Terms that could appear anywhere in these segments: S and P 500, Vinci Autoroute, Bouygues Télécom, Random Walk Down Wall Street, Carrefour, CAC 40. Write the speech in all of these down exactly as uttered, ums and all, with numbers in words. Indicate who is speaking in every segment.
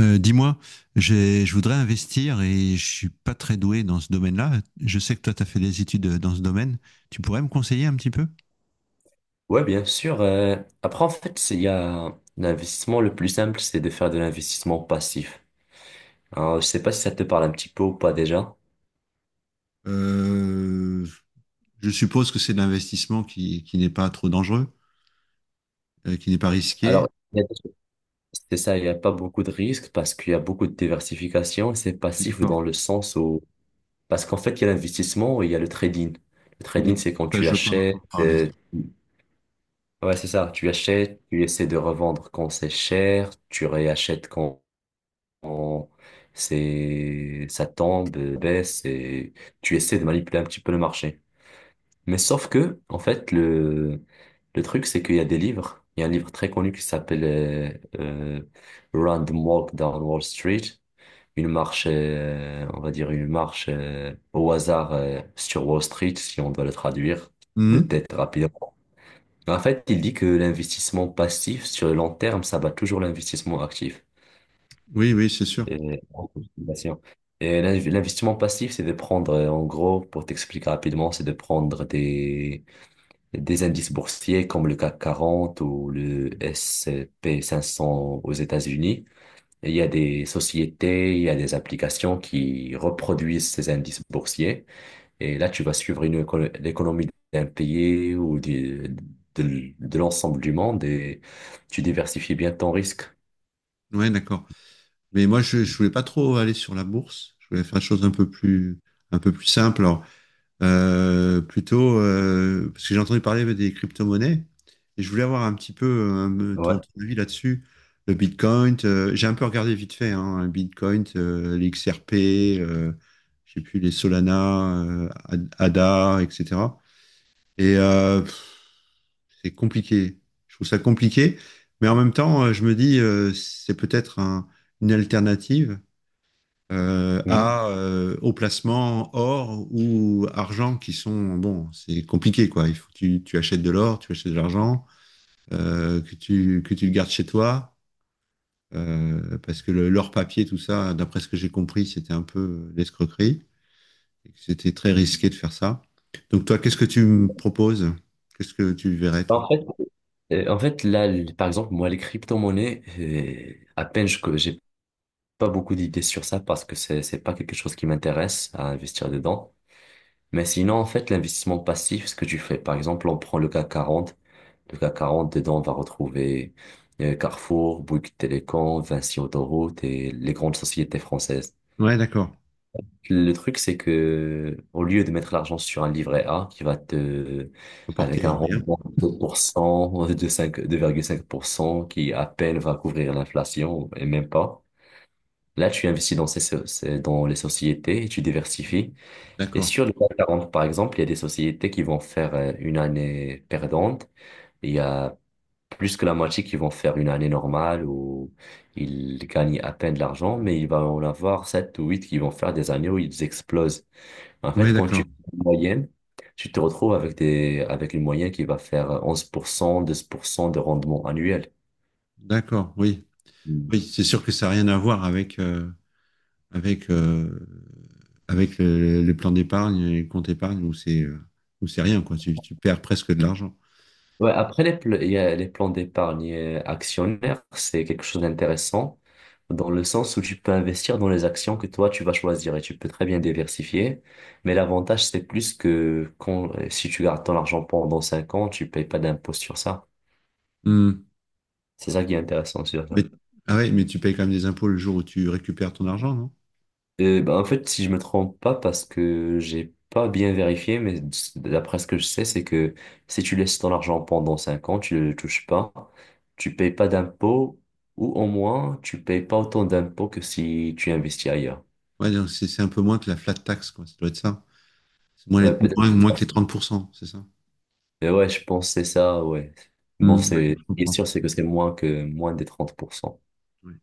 Speaker 1: Euh, dis-moi, j'ai- je voudrais investir et je suis pas très doué dans ce domaine-là. Je sais que toi, tu as fait des études euh, dans ce domaine. Tu pourrais me conseiller un petit peu?
Speaker 2: Ouais, bien sûr. euh, après, en fait, c'est- il y a l'investissement le plus simple, c'est de faire de l'investissement passif. Alors, je sais pas si ça te parle un petit peu ou pas déjà.
Speaker 1: Euh, je suppose que c'est de l'investissement qui, qui n'est pas trop dangereux, euh, qui n'est pas risqué.
Speaker 2: Alors, il y a- c'est ça, il n'y a pas beaucoup de risques parce qu'il y a beaucoup de diversification. C'est passif
Speaker 1: D'accord.
Speaker 2: dans le sens où, parce qu'en fait, il y a l'investissement et il y a le trading. Le trading,
Speaker 1: Oui,
Speaker 2: c'est quand
Speaker 1: ça,
Speaker 2: tu
Speaker 1: je veux pas
Speaker 2: achètes,
Speaker 1: m'entendre parler, ça.
Speaker 2: euh, ouais, c'est ça, tu achètes, tu essaies de revendre quand c'est cher, tu réachètes quand on- c'est, ça tombe, euh, baisse et tu essaies de manipuler un petit peu le marché. Mais sauf que, en fait, le, le truc, c'est qu'il y a des livres. Il y a un livre très connu qui s'appelle euh, euh, Random Walk Down Wall Street. Une marche, euh, on va dire une marche euh, au hasard euh, sur Wall Street, si on doit le traduire de
Speaker 1: Mhm.
Speaker 2: tête rapidement. En fait, il dit que l'investissement passif sur le long terme, ça bat toujours l'investissement actif.
Speaker 1: Oui, oui, c'est sûr.
Speaker 2: Et, et l'inv- l'investissement passif, c'est de prendre, euh, en gros, pour t'expliquer rapidement, c'est de prendre des, des indices boursiers comme le C A C quarante ou le S and P cinq cents aux États-Unis. Et il y a des sociétés, il y a des applications qui reproduisent ces indices boursiers. Et là, tu vas suivre une éco- l'économie d'un pays ou du- de, l- de l'ensemble du monde et tu diversifies bien ton risque.
Speaker 1: Oui, d'accord. Mais moi, je, je voulais pas trop aller sur la bourse. Je voulais faire des choses un peu plus, un peu plus simples. Euh, plutôt, euh, parce que j'ai entendu parler des crypto-monnaies et je voulais avoir un petit peu euh,
Speaker 2: Ouais.
Speaker 1: ton, ton avis là-dessus. Le Bitcoin, euh, j'ai un peu regardé vite fait, hein, le Bitcoin, euh, les X R P, euh, j'ai plus les Solana, euh, Ad- A D A, et cetera. Et euh, pff, c'est compliqué. Je trouve ça compliqué, mais en même temps, euh, je me dis, euh, c'est peut-être un- une alternative euh,
Speaker 2: Mhm.
Speaker 1: à, euh, au placement or ou argent qui sont, bon, c'est compliqué, quoi. Il faut que tu, tu achètes de l'or, tu achètes de l'argent, euh, que tu, que tu le gardes chez toi, euh, parce que le- l'or papier, tout ça, d'après ce que j'ai compris, c'était un peu l'escroquerie, et que c'était très risqué de faire ça. Donc toi, qu'est-ce que tu me proposes? Qu'est-ce que tu verrais, toi?
Speaker 2: En fait, Euh, en fait, là, l- par exemple, moi, les crypto-monnaies, euh, à peine je, que j'ai pas beaucoup d'idées sur ça parce que c'est, c'est pas quelque chose qui m'intéresse à investir dedans. Mais sinon, en fait, l'investissement passif, ce que tu fais, par exemple, on prend le C A C quarante. Le C A C quarante, dedans, on va retrouver euh, Carrefour, Bouygues Télécom, Vinci Autoroute et les grandes sociétés françaises.
Speaker 1: Ouais, d'accord.
Speaker 2: Le truc, c'est que au lieu de mettre l'argent sur un livret A qui va te, avec un
Speaker 1: Apporter rien.
Speaker 2: rendement de deux pour cent, de cinq, deux virgule cinq pour cent, qui à peine va couvrir l'inflation et même pas, là, tu investis dans ces, so- ces- dans les sociétés et tu diversifies. Et
Speaker 1: D'accord.
Speaker 2: sur le C A C quarante, par exemple, il y a des sociétés qui vont faire euh, une année perdante. Il y a plus que la moitié qui vont faire une année normale où ils gagnent à peine de l'argent, mais il va en avoir sept ou huit qui vont faire des années où ils explosent. En
Speaker 1: Ouais,
Speaker 2: fait, quand tu
Speaker 1: d'accord.
Speaker 2: fais une moyenne, tu te retrouves avec des, avec une moyenne qui va faire onze pour cent douze pour cent de rendement annuel.
Speaker 1: D'accord, oui.
Speaker 2: Mm.
Speaker 1: Oui, c'est sûr que ça n'a rien à voir avec... euh, avec, euh, avec le- les plans d'épargne et les comptes épargne où c'est euh, où c'est rien, quoi. Tu, tu perds presque de l'argent.
Speaker 2: Ouais, après, les, pl- il y a les plans d'épargne actionnaire, c'est quelque chose d'intéressant dans le sens où tu peux investir dans les actions que toi, tu vas choisir et tu peux très bien diversifier. Mais l'avantage, c'est plus que quand, si tu gardes ton argent pendant cinq ans, tu payes pas d'impôt sur ça.
Speaker 1: Hmm.
Speaker 2: C'est ça qui est intéressant sur ça.
Speaker 1: Mais, ah ouais, mais tu payes quand même des impôts le jour où tu récupères ton argent, non?
Speaker 2: Euh, bah, en fait, si je me trompe pas, parce que j'ai pas bien vérifié, mais d'après ce que je sais, c'est que si tu laisses ton argent pendant cinq ans, tu le touches pas, tu payes pas d'impôts, ou au moins, tu payes pas autant d'impôts que si tu investis ailleurs.
Speaker 1: Ouais, donc c'est c'est un peu moins que la flat tax, quoi. Ça doit être ça. C'est moins, les-
Speaker 2: Ouais, peut-être
Speaker 1: moins,
Speaker 2: c'est
Speaker 1: moins
Speaker 2: ça.
Speaker 1: que les trente pour cent, c'est ça?
Speaker 2: Mais ouais, je pense que c'est ça, ouais. Bon,
Speaker 1: Hmm. Ouais,
Speaker 2: c'est, ce
Speaker 1: je
Speaker 2: qui est
Speaker 1: comprends.
Speaker 2: sûr, c'est que c'est moins que, moins des trente pour cent.
Speaker 1: Ouais.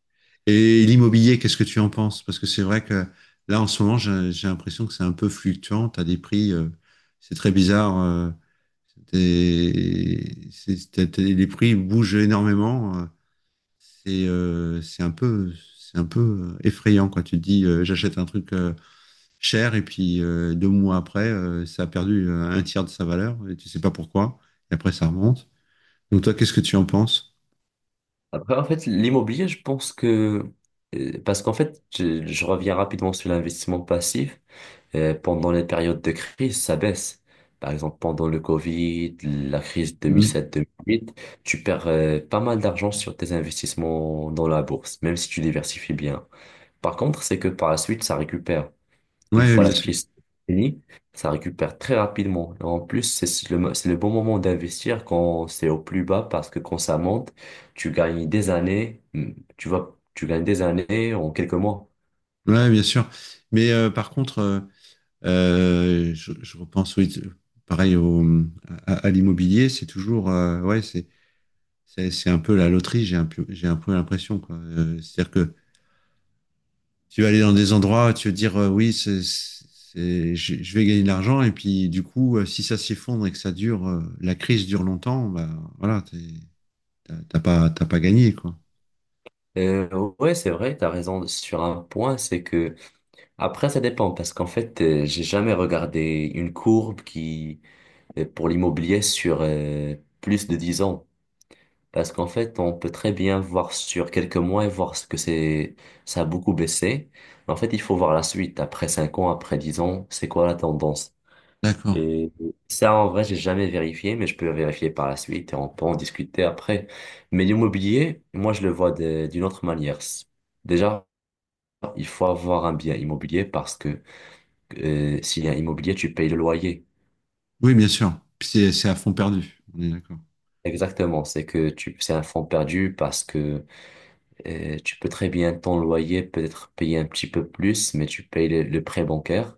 Speaker 1: Et l'immobilier, qu'est-ce que tu en penses? Parce que c'est vrai que là, en ce moment, j'ai j'ai l'impression que c'est un peu fluctuant. Tu as des prix, euh, c'est très bizarre. euh, des- c'est- t'as- t'as- les prix bougent énormément. euh, C'est euh, c'est un peu, c'est un peu euh, effrayant quand tu te dis euh, j'achète un truc euh, cher et puis euh, deux mois après, euh, ça a perdu euh, un tiers de sa valeur et tu sais pas pourquoi. Et après, ça remonte. Donc toi, qu'est-ce que tu en penses?
Speaker 2: Après, en fait, l'immobilier, je pense que, euh, parce qu'en fait, je, je reviens rapidement sur l'investissement passif. Euh, pendant les périodes de crise, ça baisse. Par exemple, pendant le Covid, la crise
Speaker 1: Mm.
Speaker 2: deux mille sept-deux mille huit, tu perds euh, pas mal d'argent sur tes investissements dans la bourse, même si tu diversifies bien. Par contre, c'est que par la suite, ça récupère. Une
Speaker 1: Ouais,
Speaker 2: fois la
Speaker 1: bien sûr.
Speaker 2: crise finie, ça récupère très rapidement. Et en plus, c'est si le, mo- c'est le bon moment d'investir quand c'est au plus bas, parce que quand ça monte, tu gagnes des années, hmm, tu vois, tu gagnes des années en quelques mois.
Speaker 1: Ouais, bien sûr. Mais euh, par contre, euh, Euh, je, je repense, oui, pareil au, à, à l'immobilier, c'est toujours, euh, ouais, c'est, c'est, c'est un peu la loterie, j'ai un, peu- j'ai un peu l'impression, quoi. Euh, c'est-à-dire que tu vas aller dans des endroits, tu vas dire, euh, oui, c'est, c'est, je, je vais gagner de l'argent, et puis du coup, euh, si ça s'effondre et que ça dure, euh, la crise dure longtemps, bah voilà, t'es- t'as t'as pas, t'as pas gagné, quoi.
Speaker 2: Euh, ouais, c'est vrai, tu as raison sur un point. C'est que Après, ça dépend parce qu'en fait, euh, j'ai jamais regardé une courbe qui euh, pour l'immobilier sur euh, plus de dix ans. Parce qu'en fait, on peut très bien voir sur quelques mois et voir ce que c'est, ça a beaucoup baissé. Mais en fait, il faut voir la suite. Après cinq ans, après dix ans, c'est quoi la tendance?
Speaker 1: D'accord.
Speaker 2: Et ça, en vrai, j'ai jamais vérifié, mais je peux vérifier par la suite et on peut en discuter après. Mais l'immobilier, moi, je le vois de- d'une autre manière. Déjà, il faut avoir un bien immobilier parce que euh, s'il y a un immobilier, tu payes le loyer.
Speaker 1: Oui, bien sûr. Puis C'est, c'est à fond perdu, on est d'accord.
Speaker 2: Exactement, c'est que tu, c'est un fonds perdu parce que euh, tu peux très bien ton loyer peut-être payer un petit peu plus, mais tu payes le, le prêt bancaire.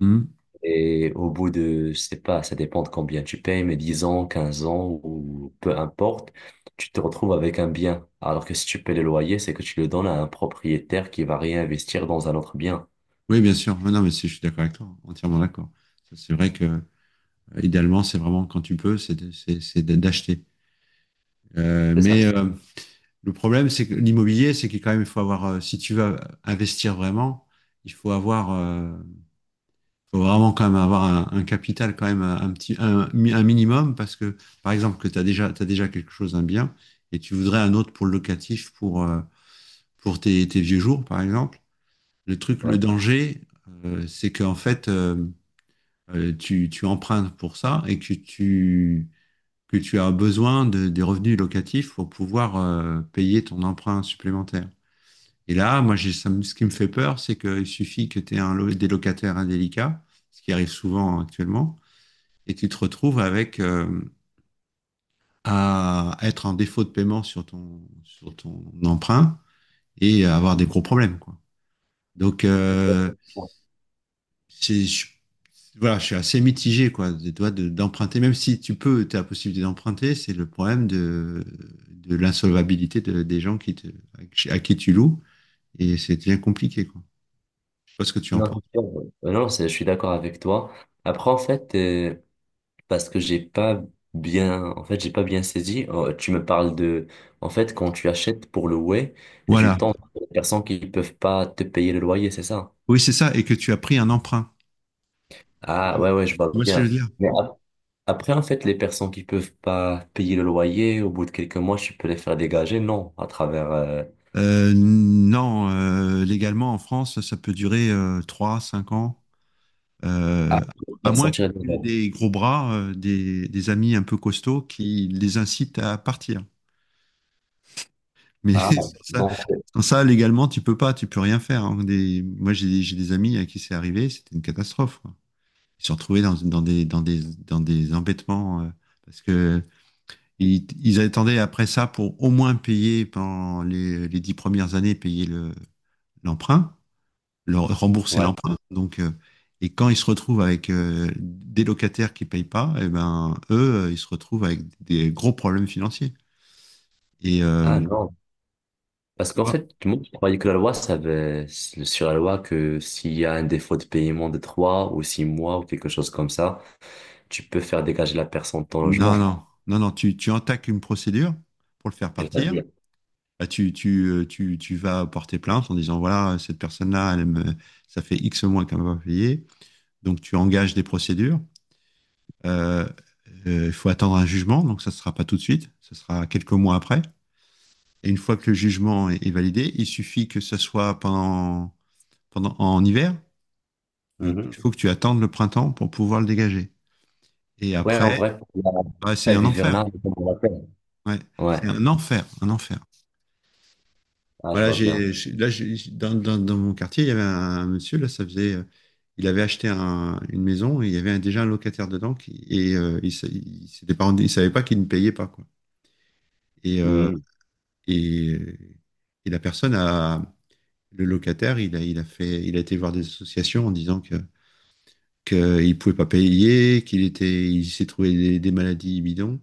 Speaker 1: Mhm.
Speaker 2: Et au bout de, je sais pas, ça dépend de combien tu payes, mais dix ans, quinze ans ou peu importe, tu te retrouves avec un bien. Alors que si tu payes le loyer, c'est que tu le donnes à un propriétaire qui va réinvestir dans un autre bien.
Speaker 1: Oui, bien sûr. Ouais, non, mais c'est- je suis d'accord avec toi, entièrement d'accord. Ça, c'est vrai que Euh, idéalement, c'est vraiment quand tu peux, c'est de- c'est- c'est de- d'acheter. Euh,
Speaker 2: C'est
Speaker 1: mais
Speaker 2: ça.
Speaker 1: euh, le problème, c'est que l'immobilier, c'est qu'il quand même, il faut avoir, euh, si tu veux investir vraiment, il faut avoir, euh, faut vraiment quand même avoir un, un capital quand même un, un petit, un, un minimum parce que, par exemple, que tu as déjà, t'as déjà quelque chose, un bien, et tu voudrais un autre pour le locatif, pour, euh, pour tes, tes vieux jours, par exemple. Le truc, le
Speaker 2: Ouais.
Speaker 1: danger, euh, c'est qu'en fait, euh, euh, tu, tu empruntes pour ça et que tu que tu as besoin de, des revenus locatifs pour pouvoir euh, payer ton emprunt supplémentaire. Et là, moi, j'ai, ça me- ce qui me fait peur, c'est qu'il suffit que tu aies un, lo- des locataires indélicats, ce qui arrive souvent actuellement, et tu te retrouves avec euh, à être en défaut de paiement sur ton, sur ton emprunt et avoir des gros problèmes, quoi. Donc, euh, c'est- je Voilà, je suis assez mitigé, quoi, de, toi, de- d'emprunter, même si tu peux, tu as la possibilité d'emprunter, c'est le problème de, de l'insolvabilité de- des gens qui te, à qui tu loues, et c'est bien compliqué, quoi. Je sais pas ce que tu en
Speaker 2: Non, non,
Speaker 1: penses.
Speaker 2: c'est sûr. Euh, non, c'est- je suis d'accord avec toi. Après, en fait, euh, parce que j'ai pas bien, en fait, j'ai pas bien saisi. Euh, tu me parles de, en fait, quand tu achètes pour le louer et tu
Speaker 1: Voilà.
Speaker 2: tombes sur des personnes qui peuvent pas te payer le loyer, c'est ça?
Speaker 1: Oui, c'est ça, et que tu as pris un emprunt. Et
Speaker 2: Ah,
Speaker 1: que- Tu
Speaker 2: ouais, ouais, je vois
Speaker 1: vois ce que je
Speaker 2: bien.
Speaker 1: veux dire?
Speaker 2: Mais ap- après, en fait, les personnes qui peuvent pas payer le loyer, au bout de quelques mois, tu peux les faire dégager, non, à travers, euh,
Speaker 1: Euh, non, euh, légalement, en France, ça peut durer euh, trois, cinq ans,
Speaker 2: ah,
Speaker 1: euh, à
Speaker 2: faire
Speaker 1: moins que
Speaker 2: sortir des
Speaker 1: tu aies
Speaker 2: gens.
Speaker 1: des gros bras, euh, des, des amis un peu costauds qui les incitent à partir. Mais
Speaker 2: Ah,
Speaker 1: sans ça,
Speaker 2: donc,
Speaker 1: sans ça, légalement, tu peux pas, tu peux rien faire, hein. Des- moi, j'ai des, j'ai des amis à qui c'est arrivé, c'était une catastrophe, quoi. Ils se sont retrouvés dans, dans des, dans des, dans des embêtements euh, parce que ils, ils attendaient après ça pour au moins payer pendant les, les dix premières années, payer le, l'emprunt, leur rembourser
Speaker 2: ouais.
Speaker 1: l'emprunt. Donc, euh, et quand ils se retrouvent avec euh, des locataires qui payent pas, eh ben eux, euh, ils se retrouvent avec des gros problèmes financiers. Et euh,
Speaker 2: Ah, non. Parce qu'en fait, tout le monde croyait que la loi, ça avait, sur la loi, que s'il y a un défaut de paiement de trois ou six mois ou quelque chose comme ça, tu peux faire dégager la personne de ton
Speaker 1: Non,
Speaker 2: logement.
Speaker 1: non, non, non, tu, tu entaques une procédure pour le faire
Speaker 2: Et ça
Speaker 1: partir.
Speaker 2: dure.
Speaker 1: Bah, tu, tu, euh, tu, tu vas porter plainte en disant, voilà, cette personne-là, elle me, ça fait X mois qu'elle m'a pas payé. Donc, tu engages des procédures. Euh, euh, Il faut attendre un jugement, donc ça ne sera pas tout de suite, ce sera quelques mois après. Et une fois que le jugement est, est validé, il suffit que ce soit pendant, pendant, en hiver. Euh, Il
Speaker 2: Mhm.
Speaker 1: faut que tu attendes le printemps pour pouvoir le dégager. Et
Speaker 2: Ouais, en
Speaker 1: après,
Speaker 2: vrai, la
Speaker 1: bah, c'est
Speaker 2: trêve
Speaker 1: un enfer.
Speaker 2: hivernale, comme on l'appelle.
Speaker 1: Ouais, c'est
Speaker 2: Ouais,
Speaker 1: un enfer, un enfer.
Speaker 2: ah, je
Speaker 1: Voilà,
Speaker 2: vois bien.
Speaker 1: j'ai, j'ai- là, j'ai- dans, dans, dans mon quartier, il y avait un, monsieur, là, ça faisait, euh, il avait acheté un- une maison et il y avait un- déjà un locataire dedans qui, et euh, il, sa- il s'était pas rendu- il savait pas qu'il ne payait pas, quoi. Et, euh,
Speaker 2: Mhm.
Speaker 1: et, et la personne a, le locataire, il a, il a fait, il a été voir des associations en disant que, qu'il pouvait pas payer, qu'il était, il s'est trouvé des, des maladies bidons.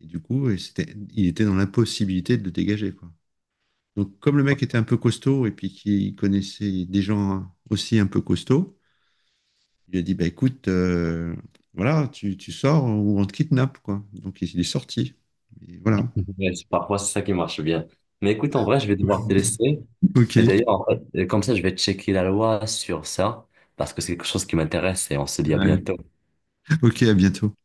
Speaker 1: Et du coup, et c'était, il était dans l'impossibilité de le dégager, quoi. Donc, comme le mec était un peu costaud et puis qu'il connaissait des gens aussi un peu costauds, il lui a dit, bah écoute, euh, voilà, tu, tu sors ou on te kidnappe, quoi. Donc, il est sorti. Et voilà.
Speaker 2: Ouais, c'est- parfois, c'est ça qui marche bien. Mais écoute, en vrai, je vais devoir te laisser.
Speaker 1: Ok.
Speaker 2: Et d'ailleurs, en fait, comme ça, je vais checker la loi sur ça, parce que c'est quelque chose qui m'intéresse et on se dit à
Speaker 1: Ouais.
Speaker 2: bientôt.
Speaker 1: Ok, à bientôt.